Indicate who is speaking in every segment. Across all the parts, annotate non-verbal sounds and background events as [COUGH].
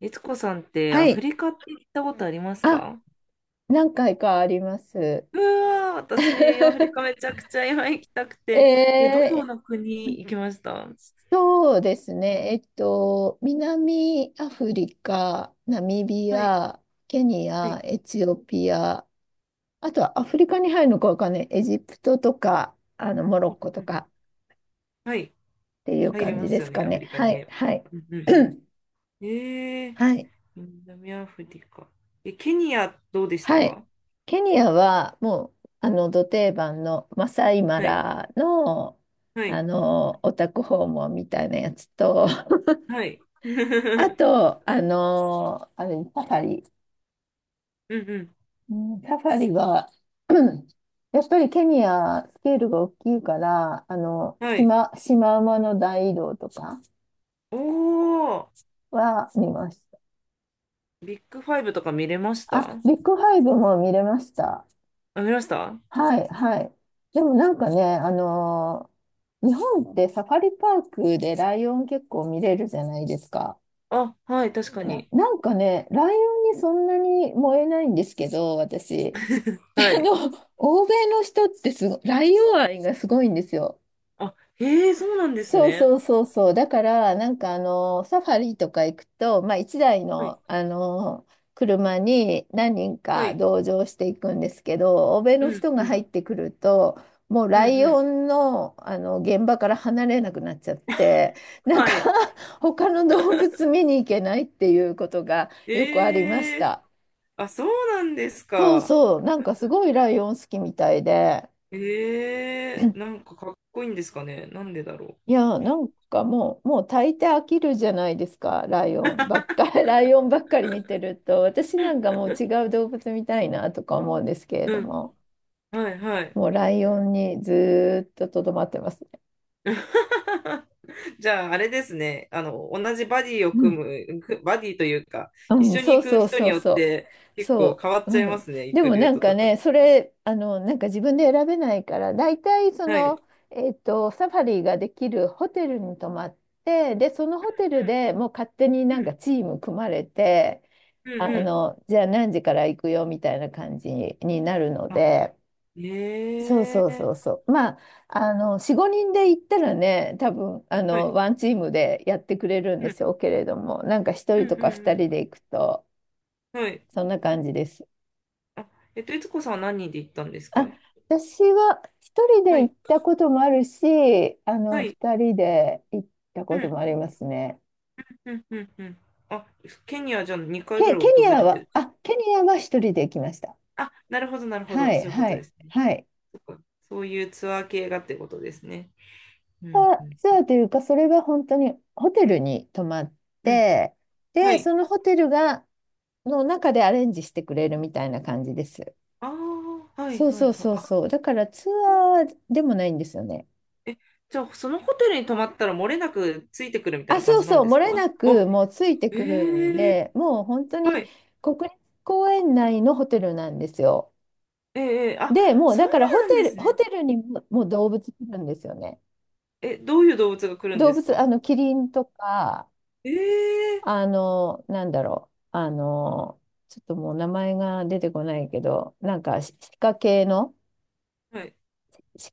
Speaker 1: えつこさんって
Speaker 2: は
Speaker 1: アフ
Speaker 2: い。
Speaker 1: リカって行ったことあります
Speaker 2: あ、
Speaker 1: か？
Speaker 2: 何回かあります。
Speaker 1: うわー、私、アフリカ
Speaker 2: [LAUGHS]
Speaker 1: めちゃくちゃ今行きたくて。え、どこ
Speaker 2: えー
Speaker 1: の国行きました？
Speaker 2: 南アフリカ、ナミビ
Speaker 1: はい、
Speaker 2: ア、ケニ
Speaker 1: はい、
Speaker 2: ア、エチオピア、あとはアフリカに入るのかわかんない。エジプトとか、モロッコ
Speaker 1: う
Speaker 2: と
Speaker 1: んう
Speaker 2: か
Speaker 1: ん。はい、
Speaker 2: っていう
Speaker 1: 入れ
Speaker 2: 感
Speaker 1: ま
Speaker 2: じで
Speaker 1: すよ
Speaker 2: す
Speaker 1: ね、
Speaker 2: か
Speaker 1: アフ
Speaker 2: ね。
Speaker 1: リカに
Speaker 2: はい、
Speaker 1: ね。
Speaker 2: はい。
Speaker 1: うんうん。
Speaker 2: [CLEARS THROAT]
Speaker 1: うん
Speaker 2: はい。
Speaker 1: 南アフリカ。え、ケニアどうでした
Speaker 2: はい。
Speaker 1: か？
Speaker 2: ケニアはもう、ど定番のマサイマ
Speaker 1: はい、
Speaker 2: ラの、
Speaker 1: はい、
Speaker 2: オタク訪問みたいなやつと、[LAUGHS]
Speaker 1: はい。
Speaker 2: あ
Speaker 1: [LAUGHS]
Speaker 2: と、あの、あれ、サファリ。
Speaker 1: うんうん、
Speaker 2: うんサファリは、[CLEARS THROAT] やっぱりケニア、スケールが大きいから、
Speaker 1: はい。
Speaker 2: シマウマの大移動とか
Speaker 1: おー、
Speaker 2: は見ました。
Speaker 1: ビッグファイブとか見れまし
Speaker 2: あ、
Speaker 1: た？
Speaker 2: ビッグファイブも見れました。
Speaker 1: あ、見ました？
Speaker 2: はい、はい。でもなんかね、日本ってサファリパークでライオン結構見れるじゃないですか。
Speaker 1: あ、はい、確かに。
Speaker 2: なんかね、ライオンにそんなに燃えないんですけど、私。[LAUGHS]
Speaker 1: は
Speaker 2: あの、
Speaker 1: い。
Speaker 2: 欧米の人ってすご、ライオン愛がすごいんですよ。
Speaker 1: あ、へえ、そうなんです
Speaker 2: そう
Speaker 1: ね。
Speaker 2: そうそうそう。だから、サファリとか行くと、まあ一台
Speaker 1: はい。
Speaker 2: の、車に何人
Speaker 1: は
Speaker 2: か
Speaker 1: い。
Speaker 2: 同乗していくんですけど、欧米
Speaker 1: う
Speaker 2: の
Speaker 1: ん、
Speaker 2: 人が
Speaker 1: うん、
Speaker 2: 入ってくると、もう
Speaker 1: う
Speaker 2: ラ
Speaker 1: ん、
Speaker 2: イ
Speaker 1: う
Speaker 2: オ
Speaker 1: ん。
Speaker 2: ンの、あの現場から離れなくなっちゃって、なん
Speaker 1: は
Speaker 2: か
Speaker 1: い。
Speaker 2: [LAUGHS] 他の動
Speaker 1: [LAUGHS]
Speaker 2: 物見に行けないっていうことがよくありまし
Speaker 1: ええ、
Speaker 2: た。
Speaker 1: あ、そうなんです
Speaker 2: そう
Speaker 1: か。
Speaker 2: そう、なんかすごいライオン好きみたいで。
Speaker 1: ええ、なんかかっこいいんですかね。なんでだろ
Speaker 2: いや、なんかもう大抵飽きるじゃないですか、ライオンばっかり、[LAUGHS] ライオンばっかり見てると、私なんかもう違う動物見たいなとか思うんですけれ
Speaker 1: う。
Speaker 2: ど
Speaker 1: うん。
Speaker 2: も、
Speaker 1: はい、はい。
Speaker 2: もうライオンにずーっととどまってますね。
Speaker 1: [LAUGHS] じゃあ、あれですね。同じバディを組む、くバディというか、一
Speaker 2: うん、
Speaker 1: 緒に
Speaker 2: そう
Speaker 1: 行く
Speaker 2: そう
Speaker 1: 人
Speaker 2: そ
Speaker 1: に
Speaker 2: う
Speaker 1: よっ
Speaker 2: そ
Speaker 1: て
Speaker 2: う。
Speaker 1: 結構
Speaker 2: そ
Speaker 1: 変わっ
Speaker 2: う、
Speaker 1: ちゃい
Speaker 2: う
Speaker 1: ま
Speaker 2: ん。
Speaker 1: すね。行
Speaker 2: で
Speaker 1: く
Speaker 2: も
Speaker 1: ル
Speaker 2: な
Speaker 1: ー
Speaker 2: ん
Speaker 1: ト
Speaker 2: か
Speaker 1: とかが。
Speaker 2: ね、それ、あの、なんか自分で選べないから、大体そ
Speaker 1: はい。
Speaker 2: の、えっと、サファリができるホテルに泊まって、で、そのホテ
Speaker 1: う
Speaker 2: ル
Speaker 1: ん、
Speaker 2: でもう勝手にな
Speaker 1: う
Speaker 2: ん
Speaker 1: ん、
Speaker 2: かチーム組まれて、
Speaker 1: うん、うん。
Speaker 2: じゃあ何時から行くよみたいな感じになるの
Speaker 1: あ、
Speaker 2: で、そう
Speaker 1: え
Speaker 2: そう
Speaker 1: え、
Speaker 2: そうそう。まあ、4、5人で行ったらね、多分、あ
Speaker 1: は
Speaker 2: の、
Speaker 1: い。
Speaker 2: ワンチームでやってくれるん
Speaker 1: う
Speaker 2: で
Speaker 1: ん、
Speaker 2: しょうけれども、なんか1
Speaker 1: う
Speaker 2: 人
Speaker 1: ん、うん、
Speaker 2: とか
Speaker 1: う
Speaker 2: 2人
Speaker 1: ん。
Speaker 2: で行くと、
Speaker 1: はい。
Speaker 2: そんな感じです。
Speaker 1: あ、いつ子さんは何人で行ったんです
Speaker 2: あ、
Speaker 1: か？
Speaker 2: 私は一人で
Speaker 1: はい。
Speaker 2: 行ったこともあるし、
Speaker 1: はい。
Speaker 2: 二人で行った
Speaker 1: う
Speaker 2: こと
Speaker 1: ん、
Speaker 2: もありますね。
Speaker 1: うん、うん、うん。あ、ケニアじゃあ2回ぐらい
Speaker 2: ケ
Speaker 1: 訪
Speaker 2: ニ
Speaker 1: れ
Speaker 2: ア
Speaker 1: て
Speaker 2: は、
Speaker 1: る？
Speaker 2: あ、ケニアは一人で行きました。
Speaker 1: あ、なるほど、なるほ
Speaker 2: は
Speaker 1: ど。
Speaker 2: い、
Speaker 1: そういうこ
Speaker 2: は
Speaker 1: とで
Speaker 2: い、
Speaker 1: すね。
Speaker 2: はい。
Speaker 1: そっか。そういうツアー系がってことですね。うん、
Speaker 2: あ
Speaker 1: うん。
Speaker 2: ツアーというか、それは本当にホテルに泊まっ
Speaker 1: うん。
Speaker 2: て、
Speaker 1: は
Speaker 2: で、
Speaker 1: い。
Speaker 2: そのホテルが、の中でアレンジしてくれるみたいな感じです。
Speaker 1: ああ、はい、
Speaker 2: そう
Speaker 1: は
Speaker 2: そ
Speaker 1: い、
Speaker 2: う
Speaker 1: はい。
Speaker 2: そう
Speaker 1: あ、
Speaker 2: そう。だからツアーでもないんですよね。
Speaker 1: え、じゃあ、そのホテルに泊まったら漏れなくついてくるみたい
Speaker 2: あ、
Speaker 1: な感
Speaker 2: そう
Speaker 1: じなん
Speaker 2: そう、
Speaker 1: で
Speaker 2: 漏
Speaker 1: すか？
Speaker 2: れな
Speaker 1: あ、
Speaker 2: くもうついてくるん
Speaker 1: ええ。
Speaker 2: で、もう本当
Speaker 1: は
Speaker 2: に
Speaker 1: い。
Speaker 2: 国立公園内のホテルなんですよ。
Speaker 1: ええ。あ、
Speaker 2: で、もう
Speaker 1: そ
Speaker 2: だ
Speaker 1: う
Speaker 2: からホ
Speaker 1: な
Speaker 2: テ
Speaker 1: んで
Speaker 2: ル、
Speaker 1: す
Speaker 2: ホ
Speaker 1: ね。
Speaker 2: テルにも、もう動物来るんですよね。
Speaker 1: え、どういう動物が来るん
Speaker 2: 動
Speaker 1: です
Speaker 2: 物、
Speaker 1: か？
Speaker 2: キリンとか、
Speaker 1: ええ。
Speaker 2: あの、なんだろう、あの、ちょっともう名前が出てこないけど、なんか鹿系の、
Speaker 1: はい。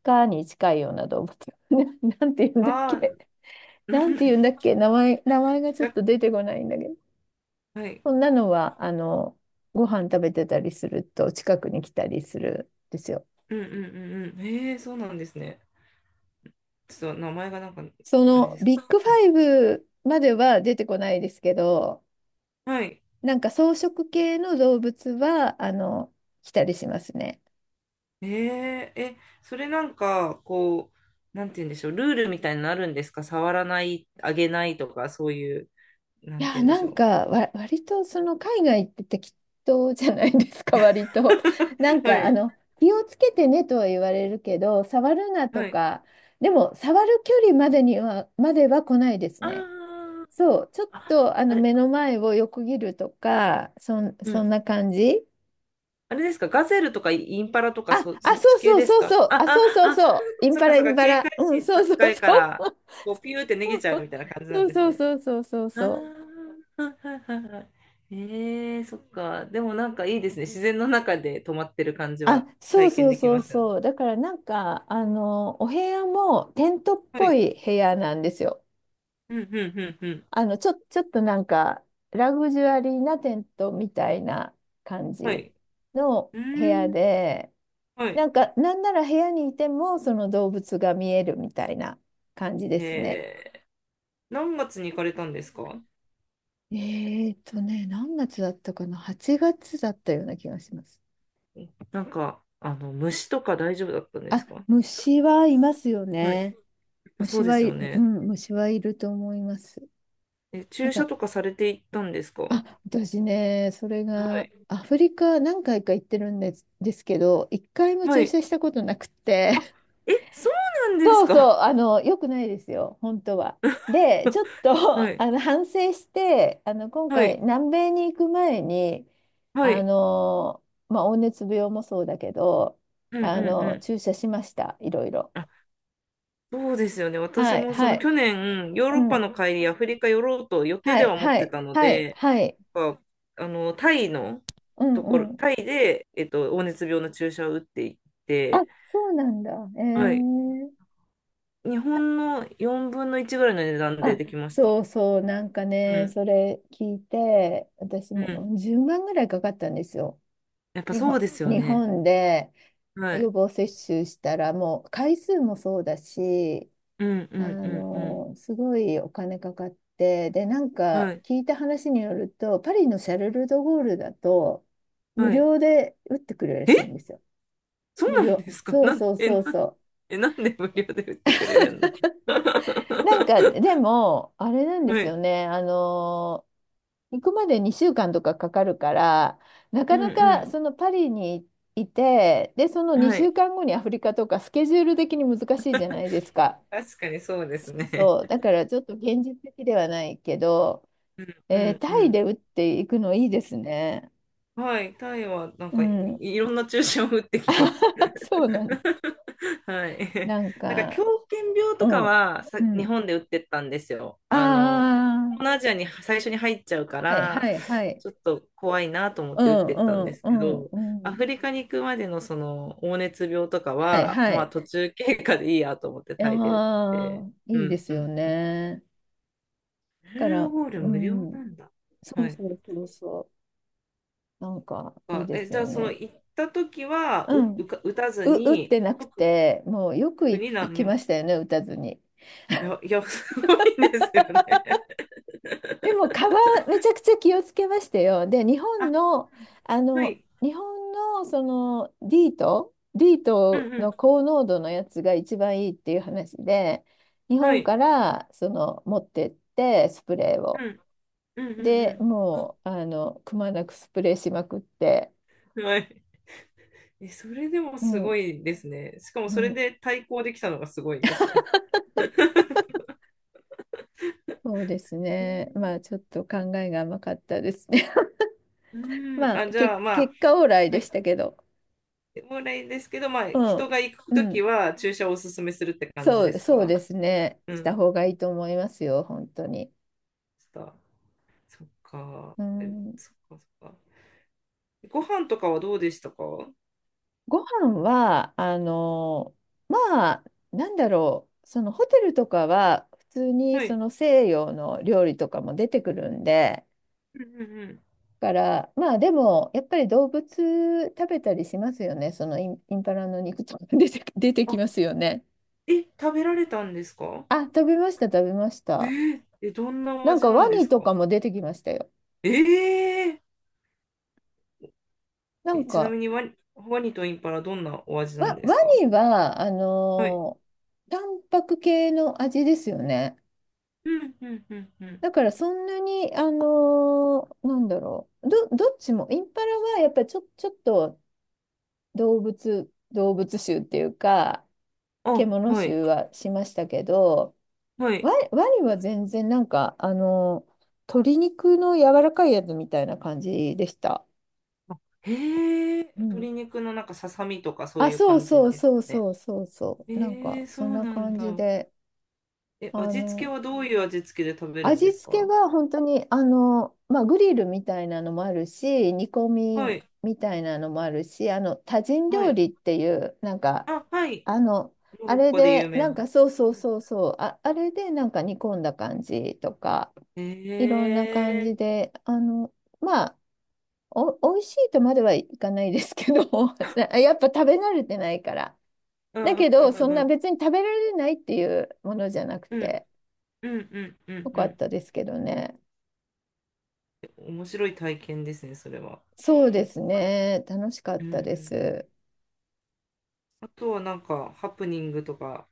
Speaker 2: 鹿に近いような動物。[LAUGHS] な、なんて言うんだっ
Speaker 1: あ
Speaker 2: け。
Speaker 1: あ、な
Speaker 2: なんて言
Speaker 1: ん、
Speaker 2: うんだっけ。名前がち
Speaker 1: じ
Speaker 2: ょっ
Speaker 1: ゃ、
Speaker 2: と出てこないんだけど。
Speaker 1: はい。
Speaker 2: そんなのは、ご飯食べてたりすると近くに来たりするんですよ。
Speaker 1: うんうんうんうん。へえ、そうなんですね。ちょっと名前がなんか、
Speaker 2: そ
Speaker 1: あれ
Speaker 2: の
Speaker 1: ですけ
Speaker 2: ビ
Speaker 1: ど。
Speaker 2: ッグファイブまでは出てこないですけど、
Speaker 1: はい。
Speaker 2: なんか草食系の動物は、来たりしますね。
Speaker 1: へえ、え、それなんか、こう、なんて言うんでしょう。ルールみたいになるんですか？触らない、あげないとか、そういう、な
Speaker 2: い
Speaker 1: んて言
Speaker 2: や、
Speaker 1: うんで
Speaker 2: な
Speaker 1: し
Speaker 2: ん
Speaker 1: ょ
Speaker 2: かわ、割とその海外って適当じゃないですか、[LAUGHS] 割と。
Speaker 1: う。[LAUGHS] はい。
Speaker 2: 気をつけてねとは言われるけど、触るなと
Speaker 1: はい。
Speaker 2: か、でも、触る距離までには、までは来ないです
Speaker 1: あ
Speaker 2: ね。
Speaker 1: ー、
Speaker 2: そう、ちょっ
Speaker 1: あ、
Speaker 2: とあ
Speaker 1: あ
Speaker 2: の
Speaker 1: れ、
Speaker 2: 目の前を横切るとか、
Speaker 1: う
Speaker 2: そん
Speaker 1: ん。
Speaker 2: な感じ
Speaker 1: あれですか？ガゼルとかインパラとか、そ、そっ
Speaker 2: そ
Speaker 1: ち
Speaker 2: う
Speaker 1: 系
Speaker 2: そう
Speaker 1: です
Speaker 2: そう
Speaker 1: か？
Speaker 2: そう、
Speaker 1: あ、あ、
Speaker 2: そうそう
Speaker 1: あ、
Speaker 2: そう、イン
Speaker 1: そっ
Speaker 2: パ
Speaker 1: か
Speaker 2: ラ
Speaker 1: そ
Speaker 2: イ
Speaker 1: っか。
Speaker 2: ンパ
Speaker 1: 警
Speaker 2: ラ、
Speaker 1: 戒
Speaker 2: うん、
Speaker 1: 心
Speaker 2: そうそう
Speaker 1: 高い
Speaker 2: そ
Speaker 1: から、
Speaker 2: う。
Speaker 1: こう、ピューって逃げちゃうみたいな感じな
Speaker 2: そ
Speaker 1: ん
Speaker 2: う
Speaker 1: です
Speaker 2: そう
Speaker 1: ね。
Speaker 2: そうそうそう
Speaker 1: あ
Speaker 2: そう。
Speaker 1: あ、はいはいはいはい。ええ。そっか。でもなんかいいですね。自然の中で泊まってる感じ
Speaker 2: あ、
Speaker 1: は
Speaker 2: そう
Speaker 1: 体験
Speaker 2: そう
Speaker 1: でき
Speaker 2: そう
Speaker 1: ますよね。
Speaker 2: そう。だからお部屋もテントっ
Speaker 1: は
Speaker 2: ぽ
Speaker 1: い。
Speaker 2: い部屋なんですよ。
Speaker 1: うんうんうんうん。
Speaker 2: ちょっとなんか、ラグジュアリーなテントみたいな感
Speaker 1: は
Speaker 2: じ
Speaker 1: い。
Speaker 2: の
Speaker 1: う
Speaker 2: 部屋
Speaker 1: ーん。
Speaker 2: で、
Speaker 1: はい。
Speaker 2: なんか、なんなら部屋にいても、その動物が見えるみたいな感じで
Speaker 1: え
Speaker 2: すね。
Speaker 1: え。何月に行かれたんですか？
Speaker 2: えーとね、何月だったかな？ 8 月だったような気がします。
Speaker 1: なんか、虫とか大丈夫だったんで
Speaker 2: あ、
Speaker 1: すか？
Speaker 2: 虫はいますよ
Speaker 1: はい。や
Speaker 2: ね。
Speaker 1: っぱそう
Speaker 2: 虫
Speaker 1: で
Speaker 2: は
Speaker 1: す
Speaker 2: い、
Speaker 1: よ
Speaker 2: う
Speaker 1: ね。
Speaker 2: ん、虫はいると思います。
Speaker 1: え、
Speaker 2: だ
Speaker 1: 注
Speaker 2: か
Speaker 1: 射
Speaker 2: ら
Speaker 1: とかされていったんですか？は
Speaker 2: あ、私ね、それが、
Speaker 1: い。
Speaker 2: アフリカ何回か行ってるんです、ですけど、一回も
Speaker 1: は
Speaker 2: 注
Speaker 1: い。
Speaker 2: 射したことなくて、
Speaker 1: あ、え、そうな
Speaker 2: [LAUGHS]
Speaker 1: んで
Speaker 2: そ
Speaker 1: す
Speaker 2: うそ
Speaker 1: か？
Speaker 2: う、あの、よくないですよ、本当は。で、ちょっ
Speaker 1: は
Speaker 2: と、[LAUGHS]
Speaker 1: い。
Speaker 2: あの、反省して、あの、今
Speaker 1: は
Speaker 2: 回、
Speaker 1: い。
Speaker 2: 南米に行く前に、
Speaker 1: は
Speaker 2: あ
Speaker 1: い。
Speaker 2: の、黄熱病もそうだけど、
Speaker 1: うんうん
Speaker 2: あ
Speaker 1: う
Speaker 2: の、
Speaker 1: ん。
Speaker 2: 注射しました、いろいろ。
Speaker 1: そうですよね。私
Speaker 2: はい、
Speaker 1: もそ
Speaker 2: は
Speaker 1: の
Speaker 2: い、
Speaker 1: 去年、ヨー
Speaker 2: う
Speaker 1: ロッパ
Speaker 2: ん、
Speaker 1: の帰り、アフリカ寄ろうと予定
Speaker 2: は
Speaker 1: で
Speaker 2: い、
Speaker 1: は思っ
Speaker 2: は
Speaker 1: て
Speaker 2: い、
Speaker 1: たの
Speaker 2: はい、
Speaker 1: で、
Speaker 2: はい、
Speaker 1: やっぱタイの
Speaker 2: う
Speaker 1: とこ
Speaker 2: ん、
Speaker 1: ろ、
Speaker 2: うん。
Speaker 1: タイで、黄熱病の注射を打っていっ
Speaker 2: あ、
Speaker 1: て、
Speaker 2: そうなんだ。え
Speaker 1: はい。
Speaker 2: ー
Speaker 1: 日本の4分の1ぐらいの値段で
Speaker 2: あ、
Speaker 1: できまし
Speaker 2: そ
Speaker 1: た。
Speaker 2: うそう、なんか
Speaker 1: う
Speaker 2: ね、
Speaker 1: ん。
Speaker 2: それ聞いて、私
Speaker 1: うん。
Speaker 2: も10万ぐらいかかったんですよ。
Speaker 1: やっぱそうですよ
Speaker 2: 日
Speaker 1: ね。
Speaker 2: 本で
Speaker 1: は
Speaker 2: 予
Speaker 1: い。
Speaker 2: 防接種したら、もう回数もそうだし、
Speaker 1: うんうんうんうん。
Speaker 2: すごいお金かかって、で、なんか
Speaker 1: はい。
Speaker 2: 聞いた話によると、パリのシャルル・ドゴールだと、無
Speaker 1: はい。
Speaker 2: 料で打ってくれるらしい
Speaker 1: え、
Speaker 2: んですよ。
Speaker 1: そ
Speaker 2: 無
Speaker 1: うなん
Speaker 2: 料。
Speaker 1: ですか？ [LAUGHS]
Speaker 2: そう
Speaker 1: なん、
Speaker 2: そう
Speaker 1: え、
Speaker 2: そ
Speaker 1: な、
Speaker 2: うそ
Speaker 1: え、なんで無料で売ってくれるんだ？ [LAUGHS]
Speaker 2: う。なんか、でも、あれなんで
Speaker 1: は
Speaker 2: すよ
Speaker 1: い。
Speaker 2: ね。あの行くまで2週間とかかかるから、なか
Speaker 1: うん
Speaker 2: なか
Speaker 1: う
Speaker 2: そのパリにいて、で、その
Speaker 1: ん。は
Speaker 2: 2
Speaker 1: い。
Speaker 2: 週間後にアフリカとかスケジュール的に難しいじゃないですか。
Speaker 1: 確かにそうで
Speaker 2: そ
Speaker 1: す
Speaker 2: う
Speaker 1: ね。
Speaker 2: そう。だからちょっと現実的ではないけど、
Speaker 1: う
Speaker 2: えー
Speaker 1: んう
Speaker 2: タイ
Speaker 1: ん。
Speaker 2: で打っていくのいいですね。
Speaker 1: はい、タイはなん
Speaker 2: う
Speaker 1: か、
Speaker 2: ん。
Speaker 1: いろんな注射を打ってきました。
Speaker 2: [LAUGHS] そうなんだ。
Speaker 1: [LAUGHS] はい。
Speaker 2: なん
Speaker 1: なんか狂
Speaker 2: か、
Speaker 1: 犬病
Speaker 2: う
Speaker 1: とか
Speaker 2: ん。
Speaker 1: はさ、
Speaker 2: う
Speaker 1: 日
Speaker 2: ん。
Speaker 1: 本で打ってったんですよ。東
Speaker 2: あ
Speaker 1: 南アジアに最初に入っちゃうか
Speaker 2: あ、はい
Speaker 1: ら、
Speaker 2: はいはい。
Speaker 1: ちょっと怖いなと思っ
Speaker 2: う
Speaker 1: て打っ
Speaker 2: ん
Speaker 1: て
Speaker 2: う
Speaker 1: ったんで
Speaker 2: ん
Speaker 1: す
Speaker 2: う
Speaker 1: け
Speaker 2: ん
Speaker 1: ど、
Speaker 2: う
Speaker 1: ア
Speaker 2: ん。
Speaker 1: フリカに行くまでのその黄熱病とか
Speaker 2: はい
Speaker 1: は、
Speaker 2: は
Speaker 1: まあ
Speaker 2: い。
Speaker 1: 途中経過でいいやと思ってタイで打っ
Speaker 2: あ
Speaker 1: て。
Speaker 2: あ、い
Speaker 1: う
Speaker 2: いで
Speaker 1: ん
Speaker 2: す
Speaker 1: う
Speaker 2: よ
Speaker 1: ん。
Speaker 2: ね。
Speaker 1: メ
Speaker 2: か
Speaker 1: ルド
Speaker 2: ら、
Speaker 1: ゴール
Speaker 2: う
Speaker 1: 無料
Speaker 2: ん、
Speaker 1: なんだ。
Speaker 2: そ
Speaker 1: は
Speaker 2: う
Speaker 1: い。
Speaker 2: そうそうそう、なんかいい
Speaker 1: あ、
Speaker 2: で
Speaker 1: え、
Speaker 2: す
Speaker 1: じゃ
Speaker 2: よ
Speaker 1: あその
Speaker 2: ね。
Speaker 1: 行った時はう、
Speaker 2: うん、う、
Speaker 1: うか、打たず
Speaker 2: 打っ
Speaker 1: に、
Speaker 2: てなく
Speaker 1: 特
Speaker 2: て、もうよく
Speaker 1: 特
Speaker 2: い
Speaker 1: に
Speaker 2: 行
Speaker 1: 何
Speaker 2: き
Speaker 1: にも。
Speaker 2: ましたよね、打たずに。
Speaker 1: いや、いや、すごいですよね。
Speaker 2: でも、カバン、めちゃくちゃ気をつけましたよ。で、
Speaker 1: [LAUGHS] あ、はい。
Speaker 2: 日本のその D とートディー
Speaker 1: う
Speaker 2: ト
Speaker 1: んうん。
Speaker 2: の高濃度のやつが一番いいっていう話で、日
Speaker 1: は
Speaker 2: 本
Speaker 1: い。
Speaker 2: からその持ってって、スプレー
Speaker 1: う
Speaker 2: を。
Speaker 1: ん。うんう
Speaker 2: で、
Speaker 1: ん
Speaker 2: もう、あの、くまなくスプレーしまくって、
Speaker 1: うん。はい。え、それでも
Speaker 2: う
Speaker 1: す
Speaker 2: ん。
Speaker 1: ごいですね。しかも
Speaker 2: う
Speaker 1: それ
Speaker 2: ん
Speaker 1: で対抗できたのがすごいです。
Speaker 2: そうです
Speaker 1: へ
Speaker 2: ね。
Speaker 1: え。
Speaker 2: まあちょっと考えが甘かったですね。
Speaker 1: う
Speaker 2: [LAUGHS]
Speaker 1: ん。
Speaker 2: まあ
Speaker 1: あ、じ
Speaker 2: け
Speaker 1: ゃあまあ、
Speaker 2: 結果オーライ
Speaker 1: は
Speaker 2: でし
Speaker 1: い。
Speaker 2: たけど、
Speaker 1: もらいですけど、まあ、
Speaker 2: う
Speaker 1: 人
Speaker 2: ん、
Speaker 1: が行く
Speaker 2: う
Speaker 1: とき
Speaker 2: ん、
Speaker 1: は注射をおすすめするって感じです
Speaker 2: そう
Speaker 1: か？
Speaker 2: ですね。
Speaker 1: う
Speaker 2: し
Speaker 1: ん。
Speaker 2: た方がいいと思いますよ、本当に。
Speaker 1: ちょっと、そっか。
Speaker 2: う
Speaker 1: え、
Speaker 2: ん、
Speaker 1: そっかそっか。ご飯とかはどうでしたか？
Speaker 2: ご飯は、まあ、そのホテルとかは普通に
Speaker 1: は
Speaker 2: そ
Speaker 1: い。
Speaker 2: の西洋の料理とかも出てくるんで、
Speaker 1: うんうんうん。
Speaker 2: から、まあでも、やっぱり動物食べたりしますよね。そのインパラの肉とか出て、[LAUGHS] 出てき
Speaker 1: あ、
Speaker 2: ますよね。
Speaker 1: え、食べられたんですか？
Speaker 2: あ、食べました、食べました。
Speaker 1: え、どんなお
Speaker 2: なん
Speaker 1: 味
Speaker 2: か
Speaker 1: な
Speaker 2: ワ
Speaker 1: んで
Speaker 2: ニ
Speaker 1: す
Speaker 2: とか
Speaker 1: か？
Speaker 2: も出てきましたよ。
Speaker 1: えー
Speaker 2: な
Speaker 1: え、
Speaker 2: ん
Speaker 1: ちな
Speaker 2: か、
Speaker 1: みにワニとインパラどんなお味なんで
Speaker 2: ワ
Speaker 1: すか？
Speaker 2: ニは、あ
Speaker 1: はい。
Speaker 2: のータンパク系の味ですよね。
Speaker 1: うんうんうんうん。
Speaker 2: だからそんなに、あのーなんだろう。どっちも、インパラはやっぱりちょっと動物臭っていうか、
Speaker 1: あ、
Speaker 2: 獣
Speaker 1: はい。
Speaker 2: 臭はしましたけど、
Speaker 1: はい。
Speaker 2: ワニは全然なんか、あのー鶏肉の柔らかいやつみたいな感じでした。
Speaker 1: へえ、
Speaker 2: うん
Speaker 1: 鶏肉のなんかささみとかそう
Speaker 2: あ、
Speaker 1: いう
Speaker 2: そう
Speaker 1: 感じ
Speaker 2: そう
Speaker 1: です
Speaker 2: そう
Speaker 1: かね。
Speaker 2: そうそうそう。なん
Speaker 1: え
Speaker 2: か、
Speaker 1: え、そ
Speaker 2: そん
Speaker 1: う
Speaker 2: な
Speaker 1: なん
Speaker 2: 感じ
Speaker 1: だ。
Speaker 2: で、
Speaker 1: え、
Speaker 2: あ
Speaker 1: 味付け
Speaker 2: の、
Speaker 1: はどういう味付けで食べるんで
Speaker 2: 味
Speaker 1: す
Speaker 2: 付け
Speaker 1: か？
Speaker 2: が本当に、グリルみたいなのもあるし、煮込
Speaker 1: は
Speaker 2: み
Speaker 1: い。
Speaker 2: みたいなのもあるし、あの、多人
Speaker 1: は
Speaker 2: 料
Speaker 1: い。
Speaker 2: 理っていう、なんか、
Speaker 1: あ、はい。
Speaker 2: あの、
Speaker 1: モ
Speaker 2: あ
Speaker 1: ロッ
Speaker 2: れ
Speaker 1: コで有
Speaker 2: で、
Speaker 1: 名
Speaker 2: なんか、
Speaker 1: な。
Speaker 2: そうそうそうそう、あ、あれで、なんか煮込んだ感じとか、いろ
Speaker 1: え
Speaker 2: んな感
Speaker 1: え。
Speaker 2: じで、あの、まあ、美味しいとまではいかないですけど、[LAUGHS] やっぱ食べ慣れてないから。
Speaker 1: う
Speaker 2: だ
Speaker 1: ん、
Speaker 2: けど、
Speaker 1: う
Speaker 2: そ
Speaker 1: ん、
Speaker 2: ん
Speaker 1: う
Speaker 2: な
Speaker 1: ん、
Speaker 2: 別に食べられないっていうものじゃなく
Speaker 1: うん、
Speaker 2: て、
Speaker 1: うん、うん、う
Speaker 2: よ
Speaker 1: ん、うん、う
Speaker 2: かっ
Speaker 1: ん。
Speaker 2: たですけどね。
Speaker 1: 面白い体験ですねそれは。
Speaker 2: そうですね。楽しかっ
Speaker 1: う
Speaker 2: たで
Speaker 1: ん。
Speaker 2: す。
Speaker 1: あとはなんかハプニングとか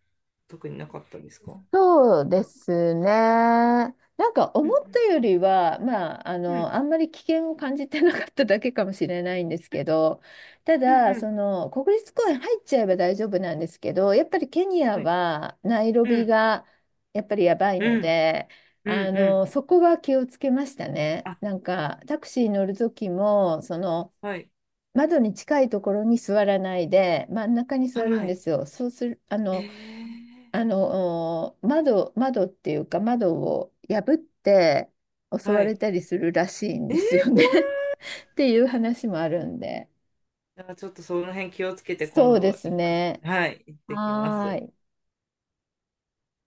Speaker 1: 特になかったんですか？
Speaker 2: そうですね。なんか
Speaker 1: う
Speaker 2: 思
Speaker 1: ん、
Speaker 2: ったよりは、
Speaker 1: うん、
Speaker 2: あんまり危険を感じてなかっただけかもしれないんですけど、た
Speaker 1: うん、
Speaker 2: だ、
Speaker 1: うん。
Speaker 2: その、国立公園入っちゃえば大丈夫なんですけど、やっぱりケニア
Speaker 1: はい。
Speaker 2: はナイロ
Speaker 1: う
Speaker 2: ビ
Speaker 1: ん、
Speaker 2: がやっぱりやばい
Speaker 1: う
Speaker 2: の
Speaker 1: ん、
Speaker 2: で、
Speaker 1: うん、
Speaker 2: あ
Speaker 1: うん。
Speaker 2: の、そこは気をつけましたね。
Speaker 1: あ、
Speaker 2: なんか、タクシー乗る時も、その、
Speaker 1: はい、
Speaker 2: 窓に近いところに座らないで、真ん中に座
Speaker 1: は
Speaker 2: るんで
Speaker 1: い。
Speaker 2: すよ。そうする、あ
Speaker 1: え
Speaker 2: の、
Speaker 1: ー。
Speaker 2: 窓っていうか、窓を破って襲
Speaker 1: は
Speaker 2: われ
Speaker 1: い。
Speaker 2: たりするらしいん
Speaker 1: え
Speaker 2: で
Speaker 1: ー、怖
Speaker 2: すよね [LAUGHS] っていう話もあるんで。
Speaker 1: い。あ、ちょっとその辺気をつけて
Speaker 2: そ
Speaker 1: 今
Speaker 2: うで
Speaker 1: 度
Speaker 2: す
Speaker 1: いっぱい、
Speaker 2: ね。
Speaker 1: はい、行ってきま
Speaker 2: は
Speaker 1: す。
Speaker 2: ーい。